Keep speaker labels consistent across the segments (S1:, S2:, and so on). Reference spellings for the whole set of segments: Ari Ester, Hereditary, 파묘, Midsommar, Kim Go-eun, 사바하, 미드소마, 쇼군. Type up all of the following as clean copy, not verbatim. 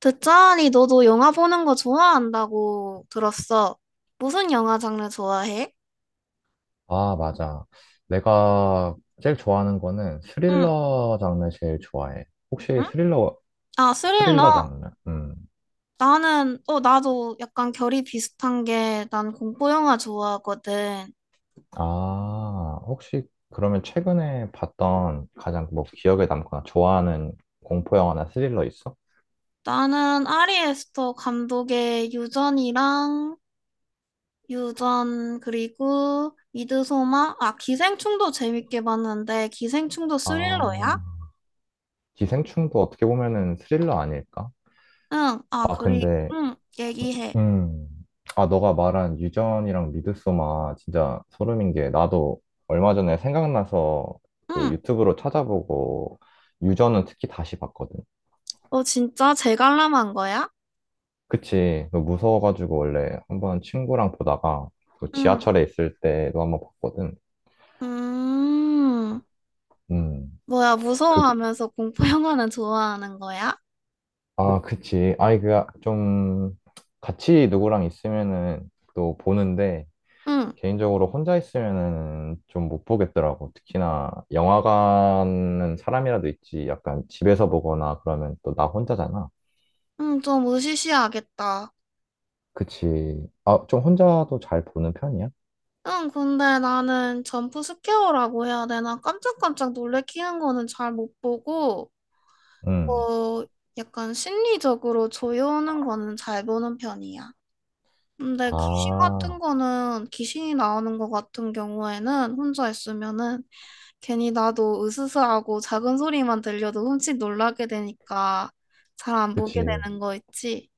S1: 듣자하니 너도 영화 보는 거 좋아한다고 들었어. 무슨 영화 장르 좋아해?
S2: 아, 맞아. 내가 제일 좋아하는 거는
S1: 응,
S2: 스릴러 장르 제일 좋아해. 혹시
S1: 응?
S2: 스릴러,
S1: 아,
S2: 스릴러
S1: 스릴러?
S2: 장르? 음.
S1: 나도 약간 결이 비슷한 게 난 공포 영화 좋아하거든.
S2: 아, 혹시 그러면 최근에 봤던 가장 뭐 기억에 남거나 좋아하는 공포 영화나 스릴러 있어?
S1: 나는 아리 에스터 감독의 유전 그리고 미드소마? 아, 기생충도 재밌게 봤는데 기생충도 스릴러야?
S2: 아, 기생충도 어떻게 보면은 스릴러 아닐까?
S1: 응,
S2: 아, 근데
S1: 얘기해.
S2: 음. 아, 너가 말한 유전이랑 미드소마 진짜 소름인 게 나도 얼마 전에 생각나서 그
S1: 응,
S2: 유튜브로 찾아보고 유전은 특히 다시 봤거든.
S1: 어, 진짜 재갈람한 거야?
S2: 그치. 너 무서워가지고 원래 한번 친구랑 보다가 그
S1: 응
S2: 지하철에 있을 때도 한번 봤거든.
S1: 음,
S2: 음.
S1: 뭐야,
S2: 그,
S1: 무서워하면서 공포 영화는 좋아하는 거야?
S2: 아, 그치. 아이, 그, 좀 같이 누구랑 있으면은 또 보는데
S1: 응,
S2: 개인적으로 혼자 있으면은 좀 못 보겠더라고. 특히나 영화관은 사람이라도 있지. 약간 집에서 보거나 그러면 또 나 혼자잖아.
S1: 응, 좀 으시시하겠다.
S2: 그치. 아, 좀 혼자도 잘 보는 편이야?
S1: 응, 근데 나는 점프 스퀘어라고 해야 되나? 깜짝깜짝 놀래키는 거는 잘 못 보고,
S2: 응.
S1: 어, 약간 심리적으로 조여오는 거는 잘 보는 편이야. 근데
S2: 아,
S1: 귀신이 나오는 거 같은 경우에는 혼자 있으면은 괜히 나도 으스스하고 작은 소리만 들려도 흠칫 놀라게 되니까 잘 안 보게
S2: 그치.
S1: 되는 거 있지?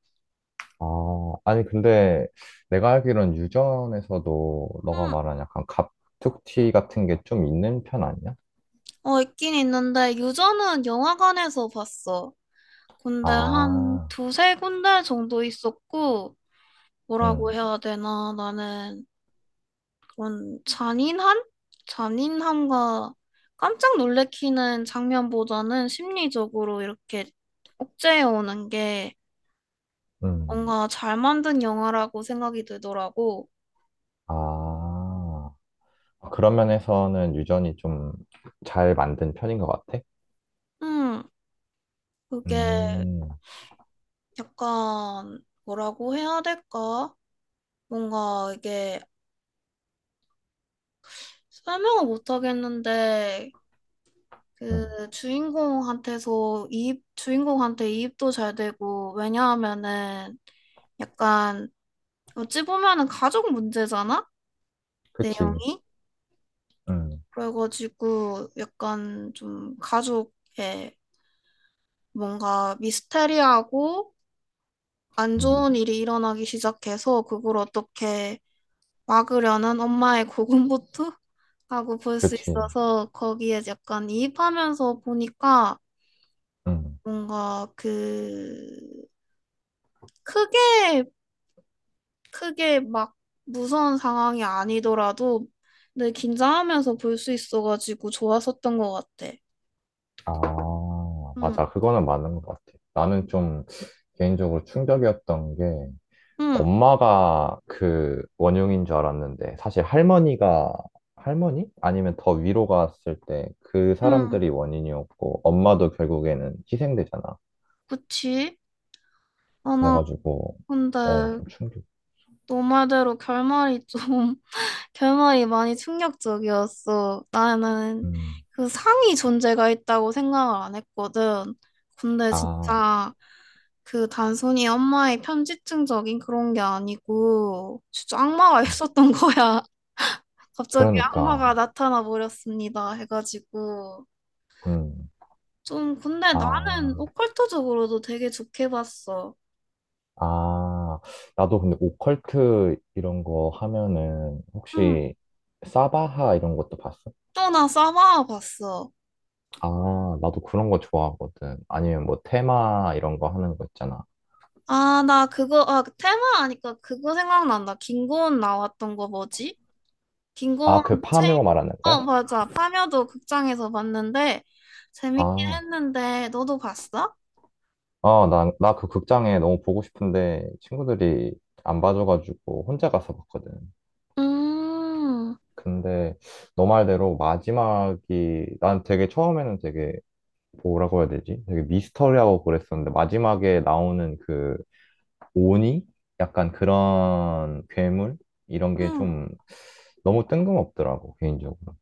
S2: 아, 아니, 근데 내가 알기론 유전에서도 너가
S1: 응,
S2: 말한 약간 갑툭튀 같은 게 좀 있는 편 아니야?
S1: 어, 있긴 있는데 유저는 영화관에서 봤어. 근데 한
S2: 아,
S1: 두세 군데 정도 있었고 뭐라고
S2: 응,
S1: 해야 되나, 나는 그런 잔인한? 잔인함과 깜짝 놀래키는 장면보다는 심리적으로 이렇게 억제해 오는 게
S2: 응.
S1: 뭔가 잘 만든 영화라고 생각이 들더라고.
S2: 아. 아, 그런 면에서는 유전이 좀 잘 만든 편인 것 같아?
S1: 음, 그게
S2: 음,
S1: 약간 뭐라고 해야 될까? 뭔가 이게 설명을 못 하겠는데,
S2: 음,
S1: 그 주인공한테 이입도 잘 되고, 왜냐하면은 약간 어찌 보면은 가족 문제잖아?
S2: 그치.
S1: 내용이?
S2: 음,
S1: 그래가지고 약간 좀 가족에 뭔가 미스테리하고 안
S2: 음,
S1: 좋은 일이 일어나기 시작해서 그걸 어떻게 막으려는 엄마의 고군분투라고 볼 수
S2: 그치.
S1: 있어서 거기에 약간 이입하면서 보니까
S2: 음.
S1: 뭔가 그 크게 크게 막 무서운 상황이 아니더라도 늘 긴장하면서 볼 수 있어가지고 좋았었던 것 같아.
S2: 아, 맞아.
S1: 응,
S2: 그거는 맞는 것 같아. 나는 좀 개인적으로 충격이었던 게
S1: 응,
S2: 엄마가 그 원흉인 줄 알았는데 사실 할머니가 할머니? 아니면 더 위로 갔을 때 그
S1: 응,
S2: 사람들이 원인이었고 엄마도 결국에는 희생되잖아.
S1: 그치? 아, 나
S2: 그래가지고
S1: 근데
S2: 어, 좀 충격.
S1: 너 말대로 결말이 많이 충격적이었어. 나는
S2: 음.
S1: 그 상이 존재가 있다고 생각을 안 했거든. 근데
S2: 아. 음.
S1: 진짜 그 단순히 엄마의 편집증적인 그런 게 아니고 진짜 악마가 있었던 거야. 갑자기
S2: 그러니까,
S1: 악마가 나타나 버렸습니다, 해가지고.
S2: 음,
S1: 좀 근데 나는
S2: 아,
S1: 오컬트적으로도 되게 좋게 봤어.
S2: 아, 나도 근데 오컬트 이런 거 하면은
S1: 응.
S2: 혹시 사바하 이런 것도 봤어?
S1: 또나 싸바아 봤어.
S2: 아, 나도 그런 거 좋아하거든. 아니면 뭐 테마 이런 거 하는 거 있잖아.
S1: 아, 나 그거, 아, 그 테마 하니까 그거 생각난다. 김고은 나왔던 거 뭐지?
S2: 아,
S1: 김고은
S2: 그
S1: 체인,
S2: 파묘 말하는 거야?
S1: 어, 맞아. 파묘도 극장에서 봤는데 재밌게
S2: 아,
S1: 했는데, 너도 봤어?
S2: 아, 나 그 극장에 너무 보고 싶은데 친구들이 안 봐줘가지고 혼자 가서 봤거든.
S1: 음,
S2: 근데 너 말대로 마지막이 난 되게 처음에는 되게 뭐라고 해야 되지? 되게 미스터리하고 그랬었는데 마지막에 나오는 그 오니? 약간 그런 괴물? 이런 게
S1: 응,
S2: 좀 너무 뜬금없더라고 개인적으로.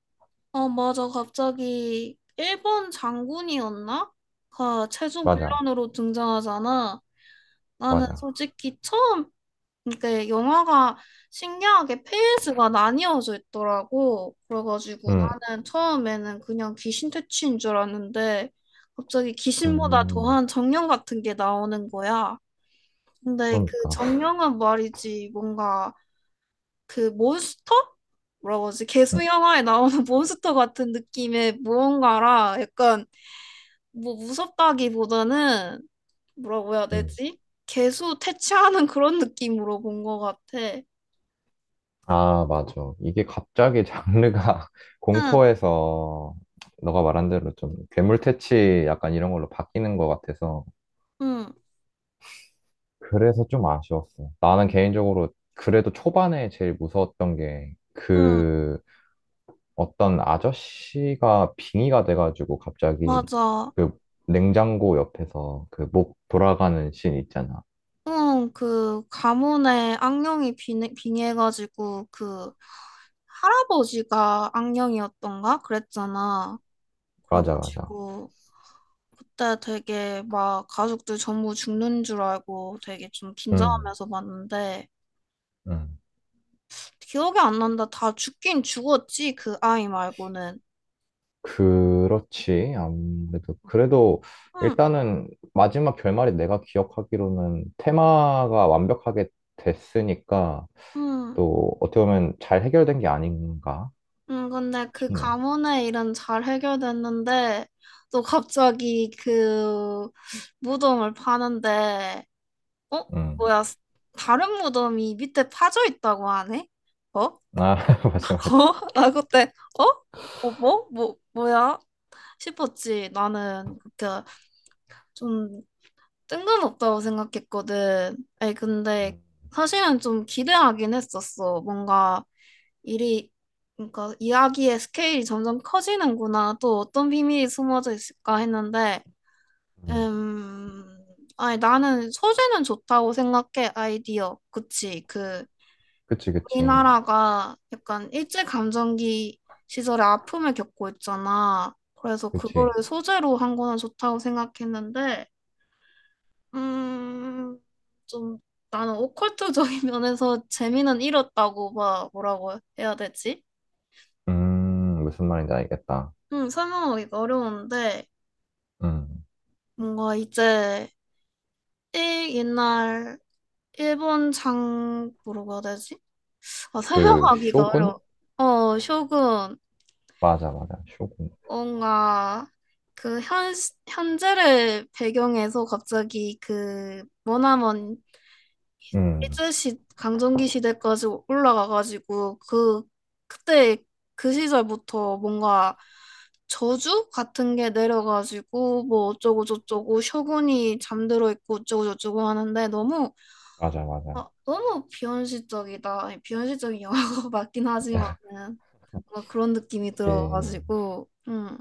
S1: 어, 맞아. 갑자기, 일본 장군이었나? 가 최종
S2: 맞아,
S1: 빌런으로 등장하잖아. 나는
S2: 맞아.
S1: 솔직히 처음, 근데 영화가 신기하게 페이스가 나뉘어져 있더라고. 그래가지고
S2: 음,
S1: 나는 처음에는 그냥 귀신 퇴치인 줄 알았는데 갑자기 귀신보다
S2: 음,
S1: 더한 정령 같은 게 나오는 거야. 근데 그
S2: 그러니까.
S1: 정령은 말이지 뭔가 그 몬스터? 뭐라고 하지? 개수
S2: 응.
S1: 영화에 나오는 몬스터 같은 느낌의 무언가라 약간 뭐 무섭다기보다는 뭐라고 해야
S2: 응.
S1: 되지? 개수 퇴치하는 그런 느낌으로 본 것 같아.
S2: 아, 맞아. 이게 갑자기 장르가
S1: 응,
S2: 공포에서 너가 말한 대로 좀 괴물 퇴치 약간 이런 걸로 바뀌는 것 같아서
S1: 응,
S2: 그래서 좀 아쉬웠어. 나는 개인적으로 그래도 초반에 제일 무서웠던 게
S1: 응,
S2: 그 어떤 아저씨가 빙의가 돼가지고 갑자기
S1: 맞아.
S2: 그 냉장고 옆에서 그 목 돌아가는 씬 있잖아.
S1: 응, 그 가문에 빙해가지고 그 할아버지가 악령이었던가 그랬잖아.
S2: 맞아, 맞아.
S1: 그래가지고 그때 되게 막 가족들 전부 죽는 줄 알고 되게 좀
S2: 음,
S1: 긴장하면서 봤는데,
S2: 음.
S1: 기억이 안 난다. 다 죽긴 죽었지, 그 아이 말고는.
S2: 그렇지. 아무래도. 그래도
S1: 응,
S2: 일단은 마지막 결말이 내가 기억하기로는 테마가 완벽하게 됐으니까
S1: 응.
S2: 또 어떻게 보면 잘 해결된 게 아닌가
S1: 근데 그
S2: 싶네.
S1: 가문의 일은 잘 해결됐는데, 또 갑자기 그 무덤을 파는데, 어?
S2: 음.
S1: 뭐야, 다른 무덤이 밑에 파져 있다고 하네? 어? 어?
S2: 아, 맞아, 맞아.
S1: 나 그때, 어? 어, 뭐? 뭐야? 싶었지. 나는 그때 좀 뜬금없다고 생각했거든. 아니, 근데
S2: 음.
S1: 사실은 좀 기대하긴 했었어. 뭔가 일이, 그러니까 이야기의 스케일이 점점 커지는구나, 또 어떤 비밀이 숨어져 있을까 했는데.
S2: 음.
S1: 음, 아니, 나는 소재는 좋다고 생각해, 아이디어. 그치.
S2: 그치, 그치.
S1: 우리나라가 약간 일제감정기 시절에 아픔을 겪고 있잖아. 그래서
S2: 그치.
S1: 그거를 소재로 한 거는 좋다고 생각했는데, 음, 좀 나는 오컬트적인 면에서 재미는 잃었다고, 막 뭐라고 해야 되지?
S2: 무슨 말인지 알겠다.
S1: 응, 설명하기가 어려운데,
S2: 음.
S1: 뭔가 일, 옛날, 일본 장, 뭐라고 해야 되지? 아,
S2: 그
S1: 설명하기가
S2: 쇼군?
S1: 어려워. 어, 쇼군.
S2: 맞아, 맞아. 쇼군.
S1: 뭔가, 그, 현, 현재를 배경해서 갑자기 그 머나먼
S2: 음.
S1: 일제시 강점기 시대까지 올라가가지고 그 그때 그 시절부터 뭔가 저주 같은 게 내려가지고 뭐 어쩌고 저쩌고 셔군이 잠들어 있고 어쩌고 저쩌고 하는데 너무,
S2: 맞아, 맞아.
S1: 아, 너무 비현실적이다. 아니, 비현실적인 영화가 맞긴 하지만은 뭔가 그런 느낌이
S2: 그치.
S1: 들어가지고.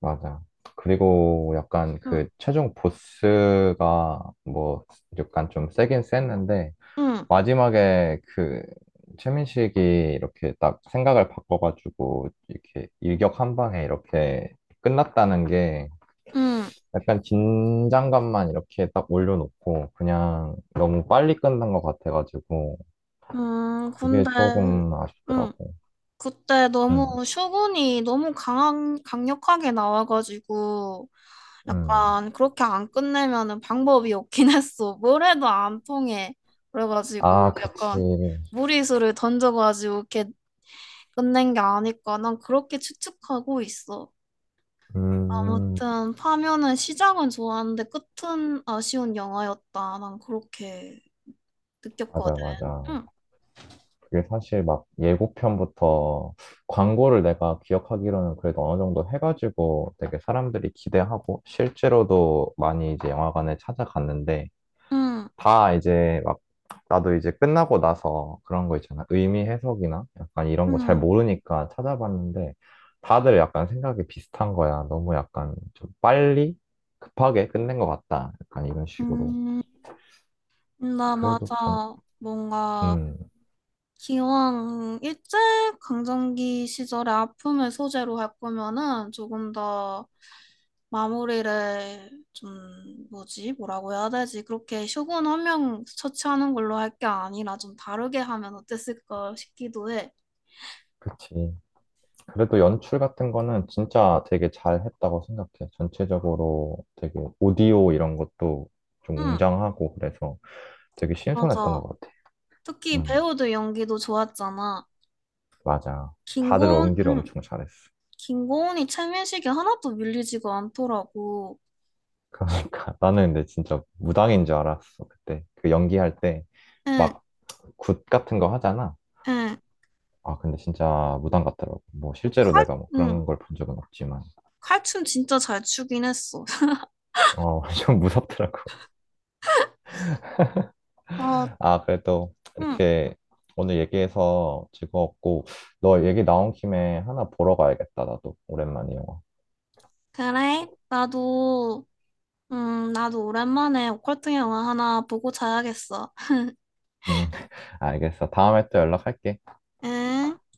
S2: 맞아. 그리고 약간
S1: 음,
S2: 그 최종 보스가 뭐 약간 좀 세긴 셌는데
S1: 음,
S2: 마지막에 그 최민식이 이렇게 딱 생각을 바꿔가지고 이렇게 일격 한 방에 이렇게 끝났다는 게
S1: 음,
S2: 약간 긴장감만 이렇게 딱 올려놓고 그냥 너무 빨리 끝난 것 같아가지고 그게
S1: 근데
S2: 조금
S1: 음,
S2: 아쉽더라고.
S1: 그때
S2: 음,
S1: 너무 강력하게 나와가지고
S2: 음.
S1: 약간 그렇게 안 끝내면은 방법이 없긴 했어. 뭘 해도 안 통해. 그래가지고
S2: 아, 그치.
S1: 약간 무리수를 던져가지고 이렇게 끝낸 게 아닐까. 난 그렇게 추측하고 있어.
S2: 음,
S1: 아무튼 파묘는 시작은 좋았는데 끝은 아쉬운 영화였다. 난 그렇게
S2: 맞아,
S1: 느꼈거든.
S2: 맞아.
S1: 응,
S2: 그게 사실 막 예고편부터 광고를 내가 기억하기로는 그래도 어느 정도 해가지고 되게 사람들이 기대하고 실제로도 많이 이제 영화관에 찾아갔는데
S1: 응,
S2: 다 이제 막 나도 이제 끝나고 나서 그런 거 있잖아. 의미 해석이나 약간 이런 거 잘
S1: 응,
S2: 모르니까 찾아봤는데 다들 약간 생각이 비슷한 거야. 너무 약간 좀 빨리 급하게 끝낸 것 같다. 약간 이런 식으로.
S1: 응. 나
S2: 그래도 전,
S1: 맞아. 뭔가
S2: 음,
S1: 기왕 일제 강점기 시절의 아픔을 소재로 할 거면은 조금 더 마무리를 좀 뭐지 뭐라고 해야 되지 그렇게 쇼군 한 명 처치하는 걸로 할 게 아니라 좀 다르게 하면 어땠을까 싶기도 해.
S2: 그치. 그래도 연출 같은 거는 진짜 되게 잘 했다고 생각해. 전체적으로 되게 오디오 이런 것도 좀
S1: 응,
S2: 웅장하고 그래서 되게 신선했던
S1: 맞아.
S2: 것 같아.
S1: 특히
S2: 음,
S1: 배우들 연기도 좋았잖아.
S2: 맞아. 다들
S1: 김고은,
S2: 연기를
S1: 응,
S2: 엄청 잘했어.
S1: 김고은이 최민식이 하나도 밀리지가 않더라고.
S2: 그러니까 나는 근데 진짜 무당인 줄 알았어. 그때 그 연기할 때
S1: 응,
S2: 막 굿 같은 거 하잖아.
S1: 응,
S2: 아, 근데 진짜 무당 같더라고. 뭐 실제로
S1: 칼,
S2: 내가 뭐
S1: 응,
S2: 그런 걸 본 적은 없지만,
S1: 칼춤 진짜 잘 추긴 했어.
S2: 어, 좀 무섭더라고.
S1: 아,
S2: 아, 그래도
S1: 응.
S2: 이렇게 오늘 얘기해서 즐거웠고, 너 얘기 나온 김에 하나 보러 가야겠다, 나도. 오랜만에 영화.
S1: 그래? 나도, 나도 오랜만에 오컬트 영화 하나 보고 자야겠어.
S2: 음, 알겠어. 다음에 또 연락할게.
S1: 응?